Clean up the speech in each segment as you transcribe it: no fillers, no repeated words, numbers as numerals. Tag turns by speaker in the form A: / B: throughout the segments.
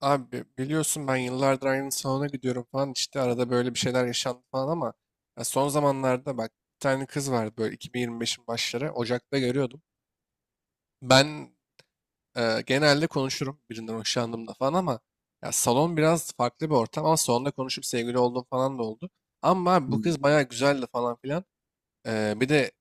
A: Abi biliyorsun ben yıllardır aynı salona gidiyorum falan işte arada böyle bir şeyler yaşandı falan ama ya son zamanlarda bak bir tane kız vardı böyle 2025'in başları Ocak'ta görüyordum. Ben genelde konuşurum birinden hoşlandığımda falan ama ya salon biraz farklı bir ortam ama salonda konuşup sevgili olduğum falan da oldu. Ama abi
B: Hı,
A: bu kız bayağı güzeldi falan filan. Bir de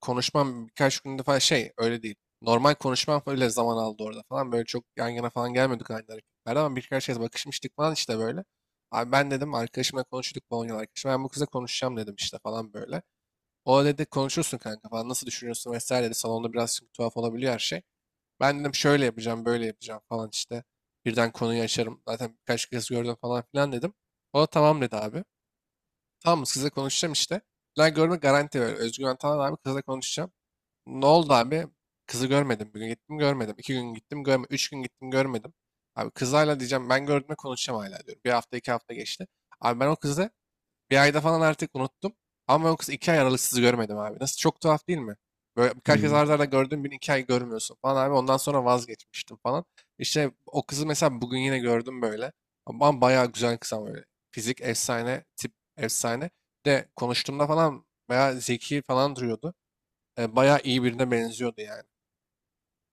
A: konuşmam birkaç günde falan şey öyle değil. Normal konuşmam öyle zaman aldı orada falan. Böyle çok yan yana falan gelmedik aynı hareketlerde ama birkaç kez bakışmıştık falan işte böyle. Abi ben dedim arkadaşımla konuştuk, Polonyalı arkadaşım. Ben bu kıza konuşacağım dedim işte falan böyle. O da dedi konuşursun kanka falan, nasıl düşünüyorsun vesaire dedi. Salonda biraz çünkü tuhaf olabiliyor her şey. Ben dedim şöyle yapacağım böyle yapacağım falan işte. Birden konuyu açarım. Zaten birkaç kez gördüm falan filan dedim. O da tamam dedi abi. Tamam mı? Sizle konuşacağım işte. Lan görme garanti ver. Özgüven Antalan abi kızla konuşacağım. Ne oldu abi? Kızı görmedim. Bir gün gittim görmedim. İki gün gittim görmedim. Üç gün gittim görmedim. Abi kızlarla diyeceğim ben gördüğümde konuşacağım hala diyorum. Bir hafta 2 hafta geçti. Abi ben o kızı bir ayda falan artık unuttum. Ama yoksa 2 ay aralıksız görmedim abi. Nasıl çok tuhaf değil mi? Böyle birkaç kez
B: hı.
A: arda arda gördüğüm bir iki ay görmüyorsun falan abi. Ondan sonra vazgeçmiştim falan. İşte o kızı mesela bugün yine gördüm böyle. Ama bayağı güzel kız ama böyle. Fizik efsane, tip efsane. Bir de konuştuğumda falan bayağı zeki falan duruyordu. Bayağı iyi birine benziyordu yani.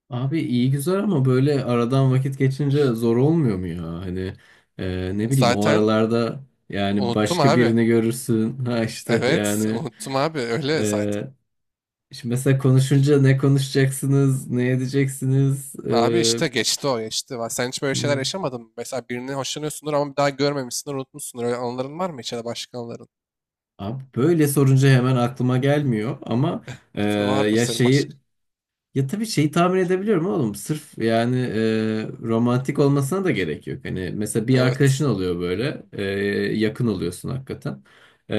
B: Abi iyi güzel ama böyle aradan vakit geçince zor olmuyor mu ya? Hani ne bileyim o
A: Zaten
B: aralarda yani
A: unuttum
B: başka
A: abi.
B: birini görürsün. Ha işte
A: Evet,
B: yani
A: unuttum abi. Öyle zaten.
B: e, şimdi mesela konuşunca ne konuşacaksınız, ne edeceksiniz?
A: Abi işte geçti o geçti. Sen hiç böyle şeyler
B: Hı.
A: yaşamadın mı? Mesela birini hoşlanıyorsundur ama bir daha görmemişsindir, unutmuşsundur. Öyle anıların var mı hiç, ya da başka anıların?
B: Abi böyle sorunca hemen aklıma gelmiyor ama e,
A: Vardır
B: ya
A: senin
B: şeyi
A: başka.
B: Ya tabii şeyi tahmin edebiliyorum oğlum. Sırf yani romantik olmasına da gerek yok. Hani mesela bir
A: Evet.
B: arkadaşın oluyor böyle. Yakın oluyorsun hakikaten. E,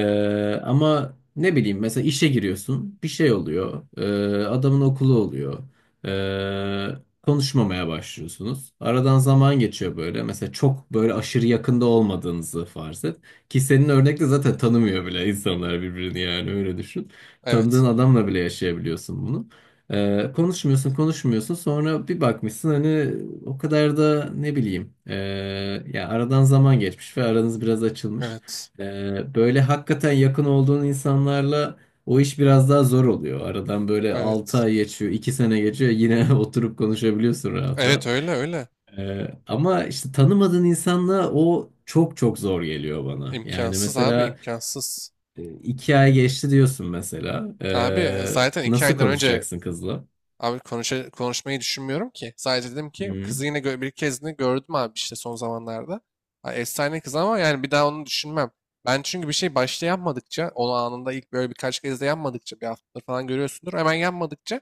B: ama ne bileyim mesela işe giriyorsun. Bir şey oluyor. Adamın okulu oluyor. E, konuşmamaya başlıyorsunuz. Aradan zaman geçiyor böyle. Mesela çok böyle aşırı yakında olmadığınızı farz et. Ki senin örnekte zaten tanımıyor bile insanlar birbirini yani öyle düşün.
A: Evet.
B: Tanıdığın adamla bile yaşayabiliyorsun bunu. Konuşmuyorsun konuşmuyorsun, sonra bir bakmışsın hani o kadar da ne bileyim ya aradan zaman geçmiş ve aranız biraz açılmış.
A: Evet.
B: Böyle hakikaten yakın olduğun insanlarla o iş biraz daha zor oluyor. Aradan böyle 6
A: Evet.
B: ay geçiyor, 2 sene geçiyor, yine oturup konuşabiliyorsun rahat
A: Evet
B: rahat.
A: öyle öyle.
B: Ama işte tanımadığın insanla o çok çok zor geliyor bana. Yani
A: İmkansız abi,
B: mesela
A: imkansız.
B: iki ay geçti diyorsun mesela.
A: Abi
B: Ee,
A: zaten iki
B: nasıl
A: aydan önce
B: konuşacaksın kızla?
A: abi konuşmayı düşünmüyorum ki. Sadece dedim ki
B: Hı.
A: kızı yine bir kez de gördüm abi işte son zamanlarda. Ha, efsane kız ama yani bir daha onu düşünmem. Ben çünkü bir şey başta yapmadıkça, onu anında ilk böyle birkaç kez de yapmadıkça, bir hafta falan görüyorsundur. Hemen yapmadıkça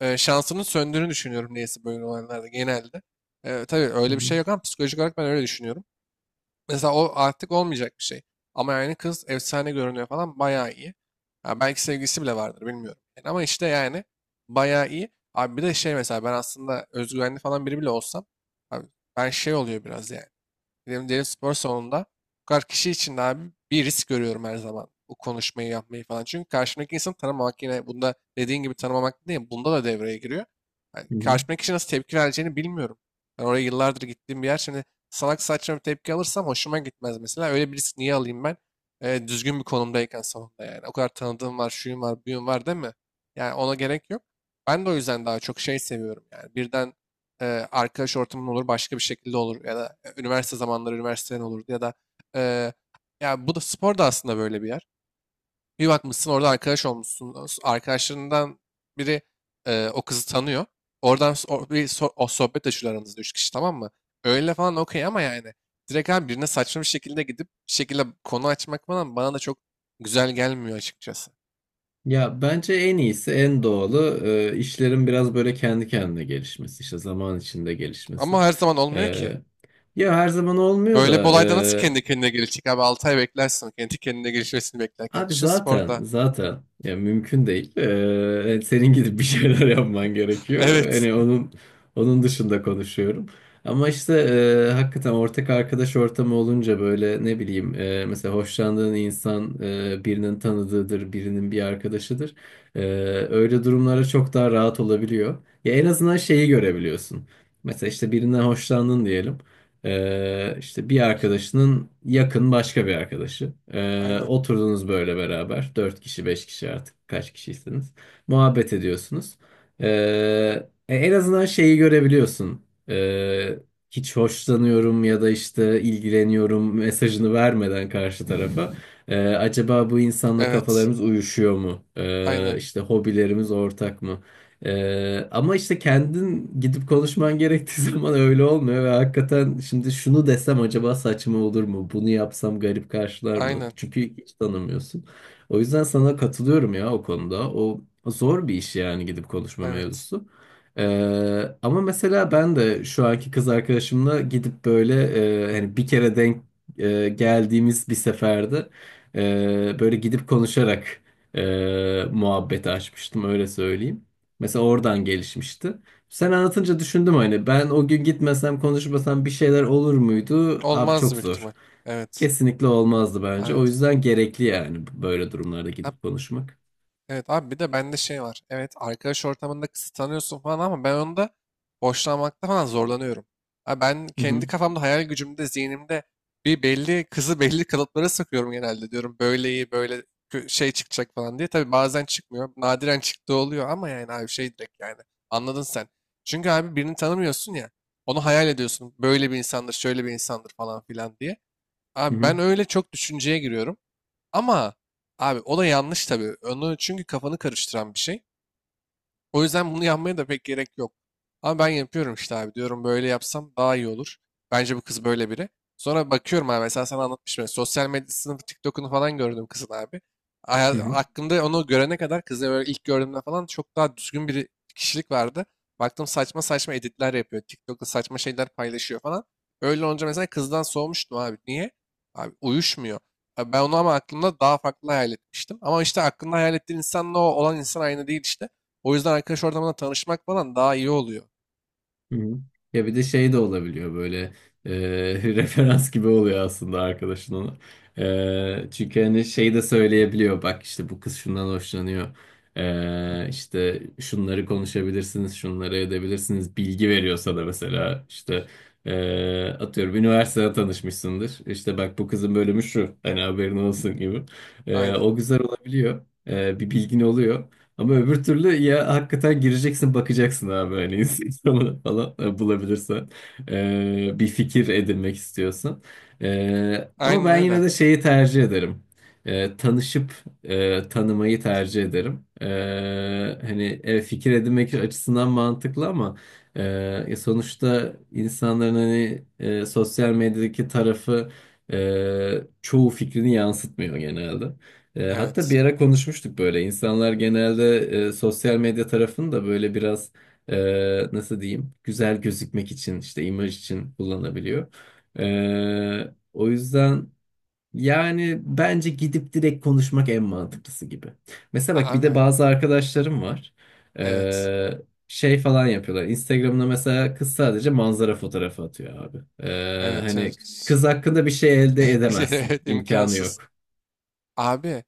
A: e, şansının söndüğünü düşünüyorum, neyse böyle olaylarda genelde. E, tabii
B: Hı
A: öyle bir
B: hı,
A: şey yok ama psikolojik olarak ben öyle düşünüyorum. Mesela o artık olmayacak bir şey. Ama yani kız efsane görünüyor falan, bayağı iyi. Ha, belki sevgilisi bile vardır bilmiyorum. Yani ama işte yani bayağı iyi. Abi bir de şey mesela ben aslında özgüvenli falan biri bile olsam abi ben şey oluyor biraz yani. Benim derin spor salonunda bu kadar kişi için de abi bir risk görüyorum her zaman. Bu konuşmayı yapmayı falan. Çünkü karşımdaki insanı tanımamak yine bunda dediğin gibi tanımamak değil. Bunda da devreye giriyor. Yani
B: hı hı.
A: karşımdaki kişi nasıl tepki vereceğini bilmiyorum. Ben oraya yıllardır gittiğim bir yer. Şimdi salak saçma bir tepki alırsam hoşuma gitmez mesela. Öyle bir risk niye alayım ben? Düzgün bir konumdayken salonda yani. O kadar tanıdığım var, şuyum var, buyum var değil mi? Yani ona gerek yok. Ben de o yüzden daha çok şey seviyorum yani. Birden e, arkadaş ortamın olur, başka bir şekilde olur ya da üniversite zamanları üniversiteden olur ya da e, ya bu da spor da aslında böyle bir yer. Bir bakmışsın orada arkadaş olmuşsun. Arkadaşlarından biri o kızı tanıyor. Oradan o sohbet açıyorlar, aranızda 3 kişi tamam mı? Öyle falan okey ama yani direkt abi birine saçma bir şekilde gidip bir şekilde konu açmak falan bana da çok güzel gelmiyor açıkçası.
B: Ya bence en iyisi, en doğalı işlerin biraz böyle kendi kendine gelişmesi, işte zaman içinde gelişmesi.
A: Ama her zaman
B: E,
A: olmuyor ki.
B: ya her zaman olmuyor
A: Böyle bir
B: da.
A: olayda nasıl kendi kendine gelişecek abi? 6 ay beklersin. Kendi kendine gelişmesini beklerken.
B: Abi
A: Düşün
B: zaten,
A: sporda.
B: ya mümkün değil. Senin gidip bir şeyler yapman gerekiyor.
A: Evet.
B: Hani onun dışında konuşuyorum. Ama işte hakikaten ortak arkadaş ortamı olunca böyle ne bileyim mesela hoşlandığın insan birinin tanıdığıdır, birinin bir arkadaşıdır. E, öyle durumlara çok daha rahat olabiliyor. Ya en azından şeyi görebiliyorsun. Mesela işte birinden hoşlandın diyelim. İşte bir arkadaşının yakın başka bir arkadaşı. Ee,
A: Aynen.
B: oturdunuz böyle beraber. Dört kişi, beş kişi, artık kaç kişiyseniz. Muhabbet ediyorsunuz. Ee, en azından şeyi görebiliyorsun. Ee, hiç hoşlanıyorum ya da işte ilgileniyorum mesajını vermeden karşı tarafa. Acaba bu insanla
A: Evet.
B: kafalarımız uyuşuyor mu?
A: Aynen.
B: İşte hobilerimiz ortak mı? Ama işte kendin gidip konuşman gerektiği zaman öyle olmuyor ve hakikaten şimdi şunu desem acaba saçma olur mu? Bunu yapsam garip karşılar mı?
A: Aynen.
B: Çünkü hiç tanımıyorsun. O yüzden sana katılıyorum ya o konuda. O zor bir iş yani, gidip konuşma
A: Evet.
B: mevzusu. Ama mesela ben de şu anki kız arkadaşımla gidip böyle, hani bir kere denk geldiğimiz bir seferde böyle gidip konuşarak muhabbeti açmıştım, öyle söyleyeyim. Mesela oradan gelişmişti. Sen anlatınca düşündüm, hani ben o gün gitmesem konuşmasam bir şeyler olur muydu? Abi
A: Olmaz
B: çok
A: büyük ihtimal.
B: zor.
A: Evet.
B: Kesinlikle olmazdı bence. O
A: Evet.
B: yüzden gerekli yani böyle durumlarda gidip konuşmak.
A: Evet abi bir de bende şey var. Evet, arkadaş ortamında kısıtlanıyorsun falan ama ben onda hoşlanmakta falan zorlanıyorum. Abi ben
B: Hı
A: kendi
B: hı.
A: kafamda, hayal gücümde, zihnimde bir belli kızı belli kalıplara sıkıyorum genelde, diyorum böyle iyi böyle şey çıkacak falan diye. Tabii bazen çıkmıyor, nadiren çıktığı oluyor ama yani abi şey direkt yani anladın sen. Çünkü abi birini tanımıyorsun ya, onu hayal ediyorsun böyle bir insandır şöyle bir insandır falan filan diye.
B: Hı
A: Abi
B: hı.
A: ben öyle çok düşünceye giriyorum. Ama abi o da yanlış tabii. Onu çünkü kafanı karıştıran bir şey. O yüzden bunu yapmaya da pek gerek yok. Ama ben yapıyorum işte abi. Diyorum böyle yapsam daha iyi olur. Bence bu kız böyle biri. Sonra bakıyorum abi mesela sana anlatmıştım. Sosyal medyasını, TikTok'unu falan gördüm kızın abi.
B: Hı hı.
A: Aklımda onu görene kadar kızı böyle ilk gördüğümde falan çok daha düzgün bir kişilik vardı. Baktım saçma saçma editler yapıyor. TikTok'ta saçma şeyler paylaşıyor falan. Öyle olunca mesela kızdan soğumuştum abi. Niye? Abi uyuşmuyor. Abi ben onu ama aklımda daha farklı hayal etmiştim. Ama işte aklında hayal ettiğin insanla o olan insan aynı değil işte. O yüzden arkadaş ortamında tanışmak falan daha iyi oluyor.
B: Hı hı. Ya bir de şey de olabiliyor böyle, referans gibi oluyor aslında arkadaşın ona. Çünkü hani şey de söyleyebiliyor, bak işte bu kız şundan hoşlanıyor. E, işte şunları konuşabilirsiniz, şunları edebilirsiniz. Bilgi veriyor sana mesela, işte atıyorum üniversitede tanışmışsındır. İşte bak, bu kızın bölümü şu, hani haberin olsun gibi. E,
A: Aynen.
B: o güzel olabiliyor. Bir bilgin oluyor. Ama öbür türlü ya hakikaten gireceksin bakacaksın abi, hani Instagram'ı falan bulabilirsen, bir fikir edinmek istiyorsan. Ama
A: Aynen
B: ben yine
A: öyle.
B: de şeyi tercih ederim. Tanışıp tanımayı tercih ederim. Hani fikir edinmek açısından mantıklı ama e, ya sonuçta insanların hani sosyal medyadaki tarafı çoğu fikrini yansıtmıyor genelde. Hatta
A: Evet.
B: bir ara konuşmuştuk böyle. İnsanlar genelde sosyal medya tarafını da böyle biraz, e, nasıl diyeyim, güzel gözükmek için, işte imaj için kullanabiliyor. O yüzden yani bence gidip direkt konuşmak en mantıklısı gibi. Mesela bak, bir de
A: Abi.
B: bazı arkadaşlarım var.
A: Evet.
B: E, şey falan yapıyorlar. Instagram'da mesela kız sadece manzara fotoğrafı atıyor abi. E,
A: Evet evet.
B: hani kız hakkında bir şey elde
A: İşte
B: edemezsin.
A: evet,
B: İmkanı
A: imkansız.
B: yok.
A: Abi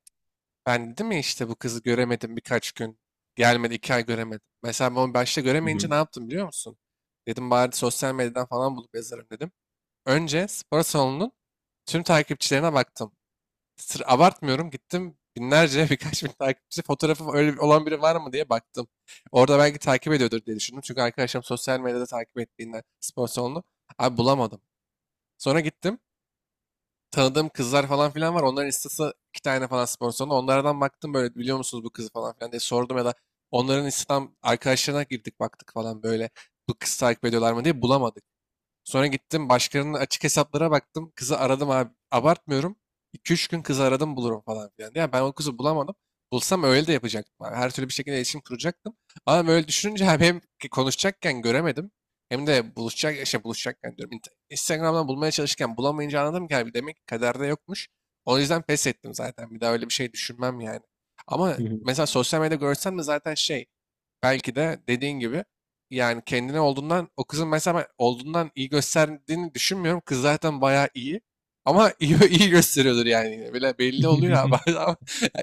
A: ben dedim ya işte bu kızı göremedim birkaç gün. Gelmedi, 2 ay göremedim. Mesela ben onu başta
B: Hı
A: göremeyince ne yaptım biliyor musun? Dedim bari sosyal medyadan falan bulup yazarım dedim. Önce spor salonunun tüm takipçilerine baktım. Sır abartmıyorum gittim binlerce birkaç bin takipçi fotoğrafı, öyle olan biri var mı diye baktım. Orada belki takip ediyordur diye düşündüm. Çünkü arkadaşım sosyal medyada takip ettiğinden spor salonunu. Abi bulamadım. Sonra gittim. Tanıdığım kızlar falan filan var. Onların istası 2 tane falan spor salonu. Onlardan baktım böyle biliyor musunuz bu kızı falan filan diye sordum, ya da onların Instagram arkadaşlarına girdik baktık falan böyle bu kız takip ediyorlar mı diye, bulamadık. Sonra gittim başkalarının açık hesaplara baktım. Kızı aradım abi. Abartmıyorum. İki üç gün kızı aradım bulurum falan filan. Ya ben o kızı bulamadım. Bulsam öyle de yapacaktım abi. Her türlü bir şekilde iletişim kuracaktım. Ama ben öyle düşününce abi hem ki konuşacakken göremedim. Hem de buluşacak, şey buluşacakken diyorum. Instagram'dan bulmaya çalışırken bulamayınca anladım ki abi, demek ki kaderde yokmuş. O yüzden pes ettim zaten. Bir daha öyle bir şey düşünmem yani. Ama
B: hı.
A: mesela sosyal medyada görsen de zaten şey, belki de dediğin gibi yani kendine olduğundan o kızın mesela, ben olduğundan iyi gösterdiğini düşünmüyorum. Kız zaten bayağı iyi. Ama iyi, iyi gösteriyordur yani. Yine. Bile belli oluyor abi.
B: Hı.
A: Adam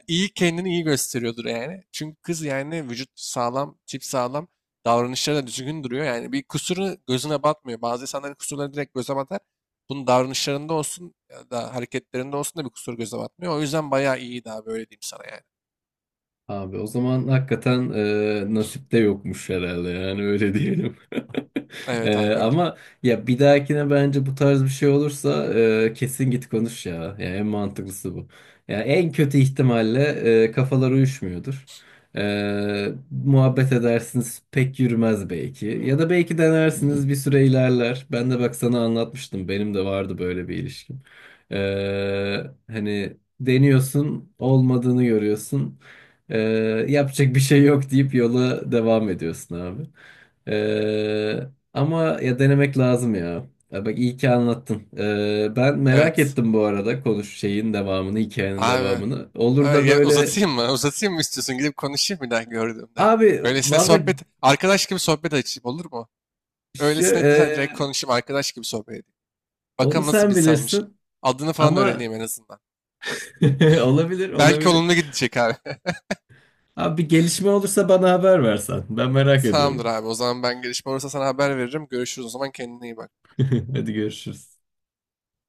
A: iyi, kendini iyi gösteriyordur yani. Çünkü kız yani vücut sağlam, tip sağlam. Davranışları da düzgün duruyor. Yani bir kusuru gözüne batmıyor. Bazı insanların kusurları direkt göze batar. Bunun davranışlarında olsun ya da hareketlerinde olsun da bir kusur göze batmıyor. O yüzden bayağı iyiydi abi, öyle diyeyim sana yani.
B: Abi o zaman hakikaten nasipte yokmuş herhalde, yani öyle diyelim.
A: Evet
B: E,
A: abi öyle.
B: ama ya bir dahakine bence bu tarz bir şey olursa kesin git konuş ya. Yani en mantıklısı bu. Yani en kötü ihtimalle kafalar uyuşmuyordur. Muhabbet edersiniz, pek yürümez belki. Ya da belki denersiniz, bir süre ilerler. Ben de bak sana anlatmıştım, benim de vardı böyle bir ilişkim. E, hani deniyorsun, olmadığını görüyorsun. Ee, yapacak bir şey yok deyip yola devam ediyorsun abi. Ee, ama ya denemek lazım ya. Ya bak, iyi ki anlattın. Ben merak
A: Evet.
B: ettim bu arada, konuş hikayenin
A: Abi
B: devamını. Olur
A: ay,
B: da
A: ya
B: böyle,
A: uzatayım mı? Uzatayım mı istiyorsun? Gidip konuşayım bir daha gördüğümde.
B: abi
A: Öylesine
B: valla
A: sohbet, arkadaş gibi sohbet açayım olur mu?
B: şu,
A: Öylesine direkt konuşayım, arkadaş gibi sohbet edeyim.
B: onu
A: Bakalım nasıl bir
B: sen
A: insanmış.
B: bilirsin
A: Adını falan
B: ama
A: öğreneyim en azından.
B: olabilir,
A: Belki
B: olabilir.
A: olumlu gidecek abi.
B: Abi bir gelişme olursa bana haber versen. Ben merak
A: Tamamdır
B: ediyorum.
A: abi. O zaman ben gelişme olursa sana haber veririm. Görüşürüz o zaman, kendine iyi bak.
B: Hadi görüşürüz.